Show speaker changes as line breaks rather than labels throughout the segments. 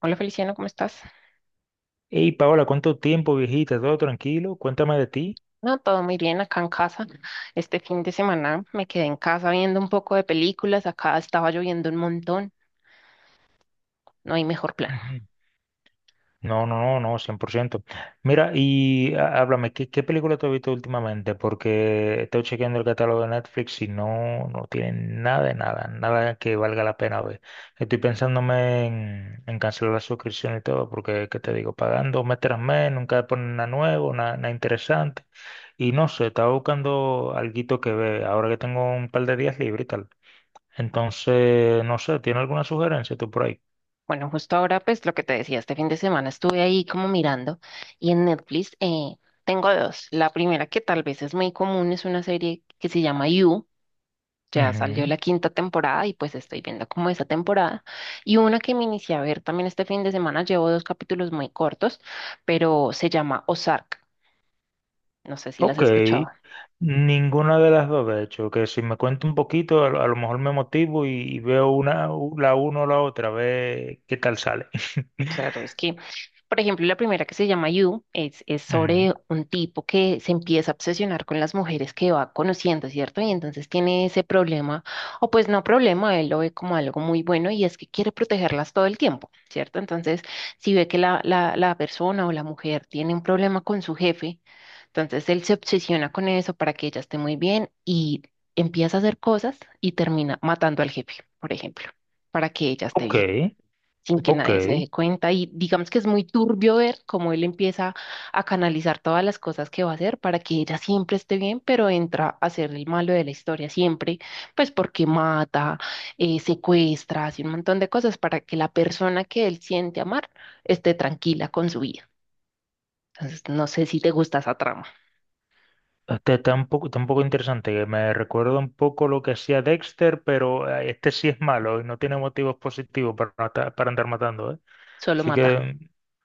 Hola Feliciano, ¿cómo estás?
Hey, Paola, ¿cuánto tiempo, viejita? ¿Todo tranquilo? Cuéntame de ti.
No, todo muy bien acá en casa. Este fin de semana me quedé en casa viendo un poco de películas. Acá estaba lloviendo un montón. No hay mejor plan.
Ujú. No, no, no, no, 100%. Mira, háblame, ¿qué película te has visto últimamente? Porque estoy chequeando el catálogo de Netflix y no, no tienen nada de nada, nada que valga la pena ver. Estoy pensándome en cancelar la suscripción y todo, porque, ¿qué te digo? Pagando mes tras mes, nunca ponen nada nuevo, nada, nada interesante. Y no sé, estaba buscando alguito que ver, ahora que tengo un par de días libres y tal. Entonces, no sé, ¿tiene alguna sugerencia tú por ahí?
Bueno, justo ahora, pues lo que te decía, este fin de semana estuve ahí como mirando y en Netflix tengo dos. La primera que tal vez es muy común es una serie que se llama You. Ya salió
Ujú.
la quinta temporada y pues estoy viendo como esa temporada. Y una que me inicié a ver también este fin de semana, llevo dos capítulos muy cortos, pero se llama Ozark. No sé si las has
Ok,
escuchado.
ninguna de las dos, de hecho, que si me cuento un poquito, a, lo mejor me motivo y veo una, la una o la otra, a ver qué tal sale.
Claro, es que, por ejemplo, la primera que se llama You es
Ujú.
sobre un tipo que se empieza a obsesionar con las mujeres que va conociendo, ¿cierto? Y entonces tiene ese problema, o pues no problema, él lo ve como algo muy bueno y es que quiere protegerlas todo el tiempo, ¿cierto? Entonces, si ve que la persona o la mujer tiene un problema con su jefe, entonces él se obsesiona con eso para que ella esté muy bien y empieza a hacer cosas y termina matando al jefe, por ejemplo, para que ella esté
Ok,
bien, sin que
ok.
nadie se dé cuenta, y digamos que es muy turbio ver cómo él empieza a canalizar todas las cosas que va a hacer para que ella siempre esté bien, pero entra a ser el malo de la historia siempre, pues porque mata, secuestra, hace un montón de cosas para que la persona que él siente amar esté tranquila con su vida. Entonces, no sé si te gusta esa trama,
Este está un poco interesante, que me recuerda un poco lo que hacía Dexter, pero este sí es malo y no tiene motivos positivos para, para andar matando, ¿eh?
solo
Así
mata.
que,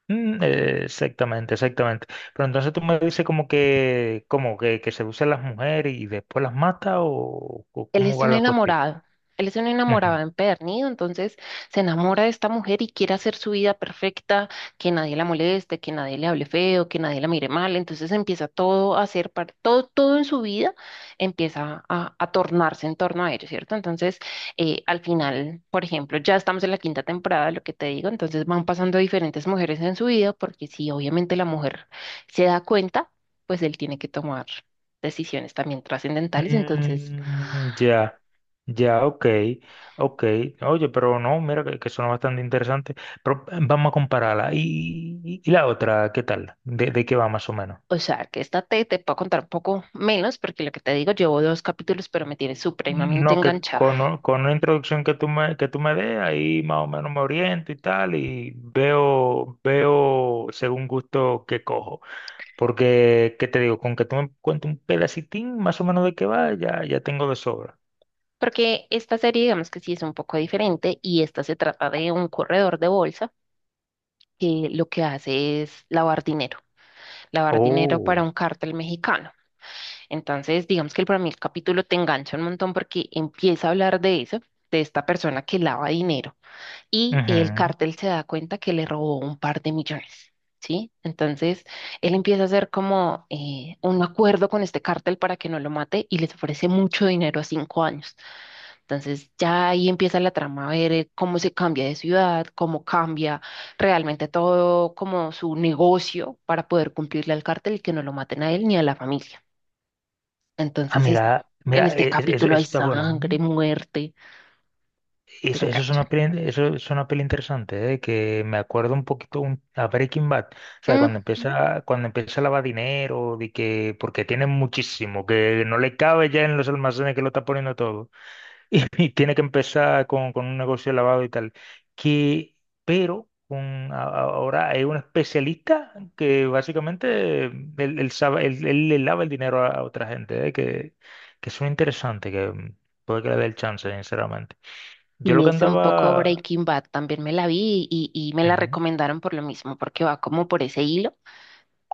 exactamente, exactamente. Pero entonces tú me dices como que seduce a las mujeres y después las mata o
Él
cómo
es
va
un
la cuestión.
enamorado, él es un enamorado
Ujú.
empedernido, entonces se enamora de esta mujer y quiere hacer su vida perfecta, que nadie la moleste, que nadie le hable feo, que nadie la mire mal, entonces empieza todo a hacer, todo, todo en su vida empieza a tornarse en torno a ello, ¿cierto? Entonces, al final, por ejemplo, ya estamos en la quinta temporada, lo que te digo, entonces van pasando diferentes mujeres en su vida, porque si obviamente la mujer se da cuenta, pues él tiene que tomar decisiones también trascendentales. Entonces,
Ya, ya, ok, ok. Oye, pero no, mira que suena bastante interesante. Pero vamos a compararla. ¿Y, y la otra, qué tal? De qué va más o menos?
o sea, que esta te puedo contar un poco menos, porque lo que te digo, llevo dos capítulos, pero me tiene supremamente
No, que
enganchada.
con una introducción que tú me des, ahí más o menos me oriento y tal, y veo, veo según gusto que cojo. Porque, ¿qué te digo? Con que tú me cuentes un pedacitín más o menos de qué va, ya, ya tengo de sobra.
Porque esta serie, digamos que sí es un poco diferente, y esta se trata de un corredor de bolsa que lo que hace es lavar dinero para
Oh.
un cártel mexicano. Entonces, digamos que para mí el capítulo te engancha un montón porque empieza a hablar de eso, de esta persona que lava dinero, y el
Ujú.
cártel se da cuenta que le robó un par de millones, ¿sí? Entonces, él empieza a hacer como un acuerdo con este cártel para que no lo mate y les ofrece mucho dinero a cinco años. Entonces, ya ahí empieza la trama a ver cómo se cambia de ciudad, cómo cambia realmente todo como su negocio para poder cumplirle al cártel y que no lo maten a él ni a la familia.
Ah,
Entonces,
mira, mira,
en este
eso,
capítulo hay
eso está bueno, ¿eh?
sangre, muerte,
Y
te
eso es
engancha.
una peli, eso es una peli interesante, ¿eh? Que me acuerdo un poquito a Breaking Bad. O sea,
Mm,
cuando empieza a lavar dinero, de que, porque tiene muchísimo, que no le cabe ya en los almacenes que lo está poniendo todo. Y, y tiene que empezar con un negocio de lavado y tal. Que, pero con, ahora hay un especialista que básicamente él, él sabe, él le lava el dinero a otra gente, ¿eh? Que es interesante, que puede que le dé el chance, sinceramente. Yo lo
y
que
es un poco
andaba...
Breaking Bad, también me la vi y me la
Ujú,
recomendaron por lo mismo, porque va como por ese hilo,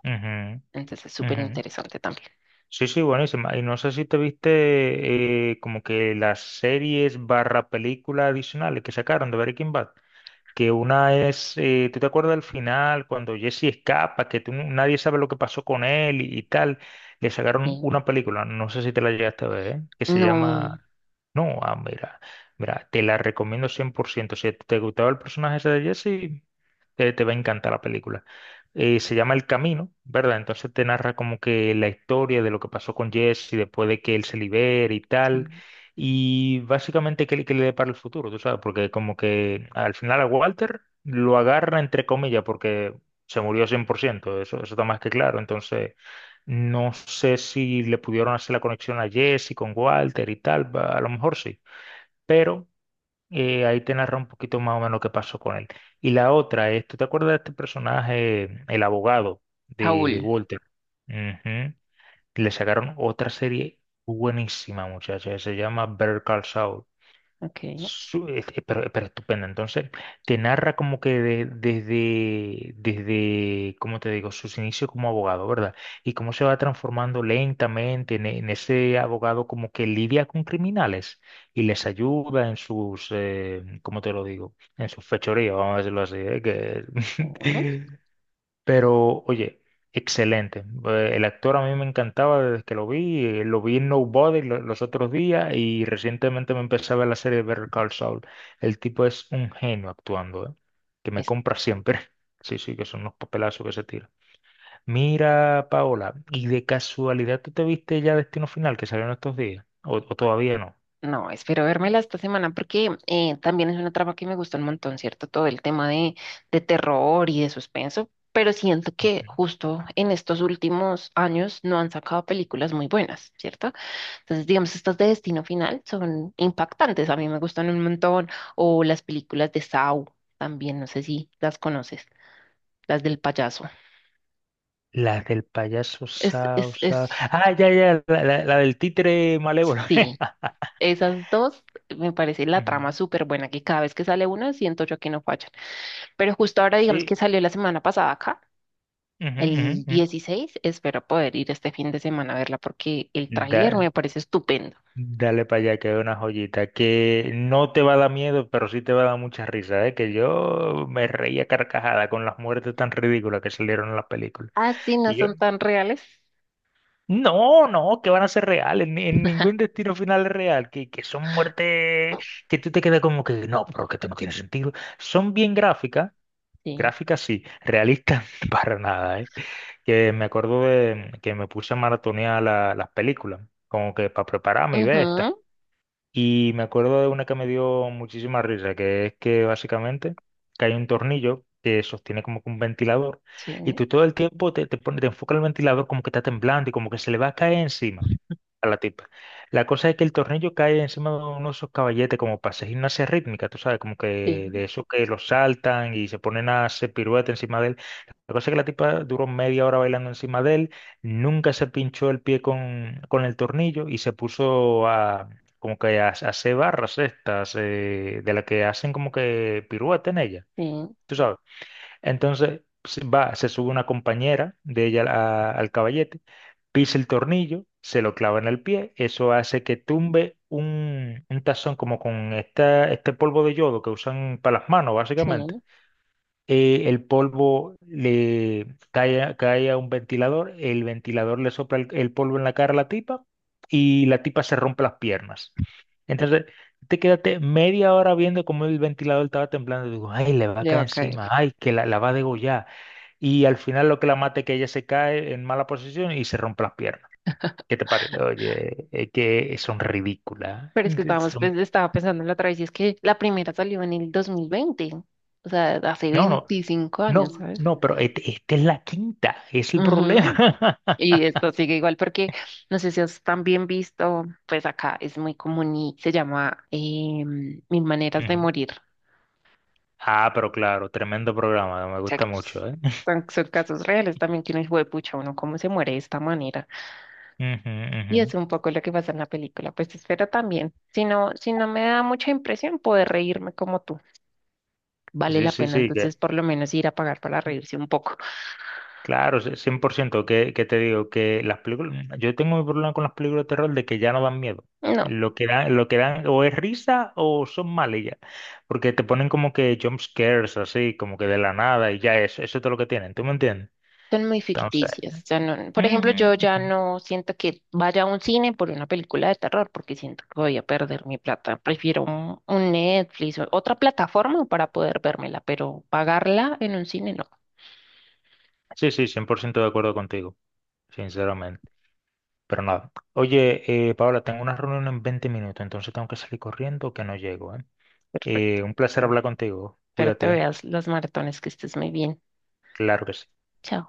ujú,
entonces es súper
ujú.
interesante también.
Sí, sí, buenísima. Y no sé si te viste como que las series barra películas adicionales que sacaron de Breaking Bad, que una es, ¿tú te acuerdas del final cuando Jesse escapa, que nadie sabe lo que pasó con él y tal? Le sacaron
Sí.
una película, no sé si te la llegaste a ver, ¿eh? Que se
No,
llama... No, ah, mira, mira, te la recomiendo 100%. Si te gustaba el personaje ese de Jesse, te va a encantar la película. Se llama El Camino, ¿verdad? Entonces te narra como que la historia de lo que pasó con Jesse después de que él se libere y tal.
sí.
Y básicamente, ¿qué le depara el futuro? ¿Tú sabes? Porque como que al final a Walter lo agarra entre comillas porque se murió 100%, eso, eso está más que claro. Entonces, no sé si le pudieron hacer la conexión a Jesse con Walter y tal, a lo mejor sí, pero ahí te narra un poquito más o menos qué pasó con él. Y la otra es, ¿tú te acuerdas de este personaje, el abogado de
Saúl,
Walter? Ujú. Le sacaron otra serie buenísima, muchacha, se llama Better Call Saul.
ok.
Pero estupendo. Entonces, te narra como que desde, desde, ¿cómo te digo? Sus inicios como abogado, ¿verdad? Y cómo se va transformando lentamente en ese abogado como que lidia con criminales y les ayuda en sus, ¿cómo te lo digo? En sus fechorías, vamos a decirlo así, ¿eh?
mm,
Que Pero, oye, excelente. El actor a mí me encantaba desde que lo vi, lo vi en Nobody los otros días y recientemente me empecé a ver la serie de Better Call Saul. El tipo es un genio actuando, ¿eh? Que me
es-
compra siempre. Sí, sí, que son unos papelazos que se tira. Mira, Paola, ¿y de casualidad tú te viste ya Destino Final que salió en estos días? O todavía no?
no, espero vérmela esta semana porque también es una trama que me gusta un montón, ¿cierto? Todo el tema de terror y de suspenso, pero siento que
Ujú.
justo en estos últimos años no han sacado películas muy buenas, ¿cierto? Entonces, digamos, estas de Destino Final son impactantes, a mí me gustan un montón. O las películas de Saw también, no sé si las conoces, las del payaso.
La del payaso
Es,
Sao
es,
Sao.
es,
Ah, ya, ya, la, la del títere malévolo.
sí, esas dos me parece la
Ujú.
trama súper buena, que cada vez que sale una siento yo que no fallan. Pero justo ahora, digamos que
Sí,
salió la semana pasada acá,
ujú, ujú,
el
ujú.
16 espero poder ir este fin de semana a verla porque el tráiler
Da-
me parece estupendo.
Dale para allá, que es una joyita que no te va a dar miedo, pero sí te va a dar mucha risa, ¿eh? Que yo me reía carcajada con las muertes tan ridículas que salieron en las películas.
Ah, sí, no
Y yo,
son tan reales.
no, no, que van a ser reales, en ningún destino final es real, que son muertes que tú te quedas como que, no, pero que esto no tiene sentido. Son bien gráficas.
Sí.
Gráficas sí, realistas para nada, ¿eh? Que me acuerdo de que me puse a maratonear las películas, como que para prepararme y ver esta.
Ujú.
Y me acuerdo de una que me dio muchísima risa, que es que básicamente que hay un tornillo que sostiene como que un ventilador
Sí,
y tú todo el tiempo te, te, te enfoca el ventilador como que está temblando y como que se le va a caer encima a la tipa. La cosa es que el tornillo cae encima de uno de esos caballetes como para hacer gimnasia rítmica, tú sabes, como
sí,
que de esos que los saltan y se ponen a hacer pirueta encima de él. La cosa es que la tipa duró media hora bailando encima de él, nunca se pinchó el pie con el tornillo y se puso a como que a hacer barras estas de las que hacen como que pirueta en ella,
sí.
tú sabes. Entonces se va, se sube una compañera de ella al caballete, pisa el tornillo, se lo clava en el pie, eso hace que tumbe un tazón como con esta, este polvo de yodo que usan para las manos,
Sí,
básicamente el polvo le cae, a cae a un ventilador, el ventilador le sopla el polvo en la cara a la tipa y la tipa se rompe las piernas. Entonces, te quedaste media hora viendo cómo el ventilador estaba temblando. Digo, ay, le va a
le va
caer
a caer.
encima, ay, que la va a degollar. Y al final lo que la mata es que ella se cae en mala posición y se rompe las piernas. ¿Qué te parece? Oye, es que son ridículas.
Pero es que estábamos,
Son-
pues, estaba pensando en la otra vez y es que la primera salió en el 2020, o sea, hace
No, no,
25 años,
no,
¿sabes?
no, pero esta es la quinta, es el problema.
Ujú. Y esto sigue igual porque, no sé si os también visto, pues acá es muy común y se llama Mil Maneras de
Ujú.
Morir. O
Ah, pero claro, tremendo programa, me
sea,
gusta
que, pues,
mucho, ¿eh?
son, son casos reales también que uno dice, "Jue pucha, uno cómo se muere de esta manera".
Ujú,
Y es
ujú.
un poco lo que pasa en la película. Pues espero también, si no me da mucha impresión, poder reírme como tú. Vale
Sí,
la
sí,
pena
sí, que,
entonces por lo menos ir a pagar para reírse un poco.
claro, sí, 100%, que te digo, que las películas, yo tengo mi problema con las películas de terror de que ya no dan miedo.
No,
Lo que dan o es risa o son malas ya, porque te ponen como que jump scares así, como que de la nada y ya eso es todo lo que tienen, ¿tú me entiendes?
son muy
Entonces,
ficticias. O sea, no, por
ujú,
ejemplo, yo ya
ujú.
no siento que vaya a un cine por una película de terror porque siento que voy a perder mi plata. Prefiero un, Netflix o otra plataforma para poder vérmela, pero pagarla en un cine no.
Sí, sí, 100% de acuerdo contigo, sinceramente. Pero nada. Oye, Paola, tengo una reunión en 20 minutos, entonces tengo que salir corriendo que no llego, ¿eh?
Perfecto.
Un placer
Bien,
hablar contigo.
espero te
Cuídate.
veas las maratones, que estés muy bien.
Claro que sí.
Chao.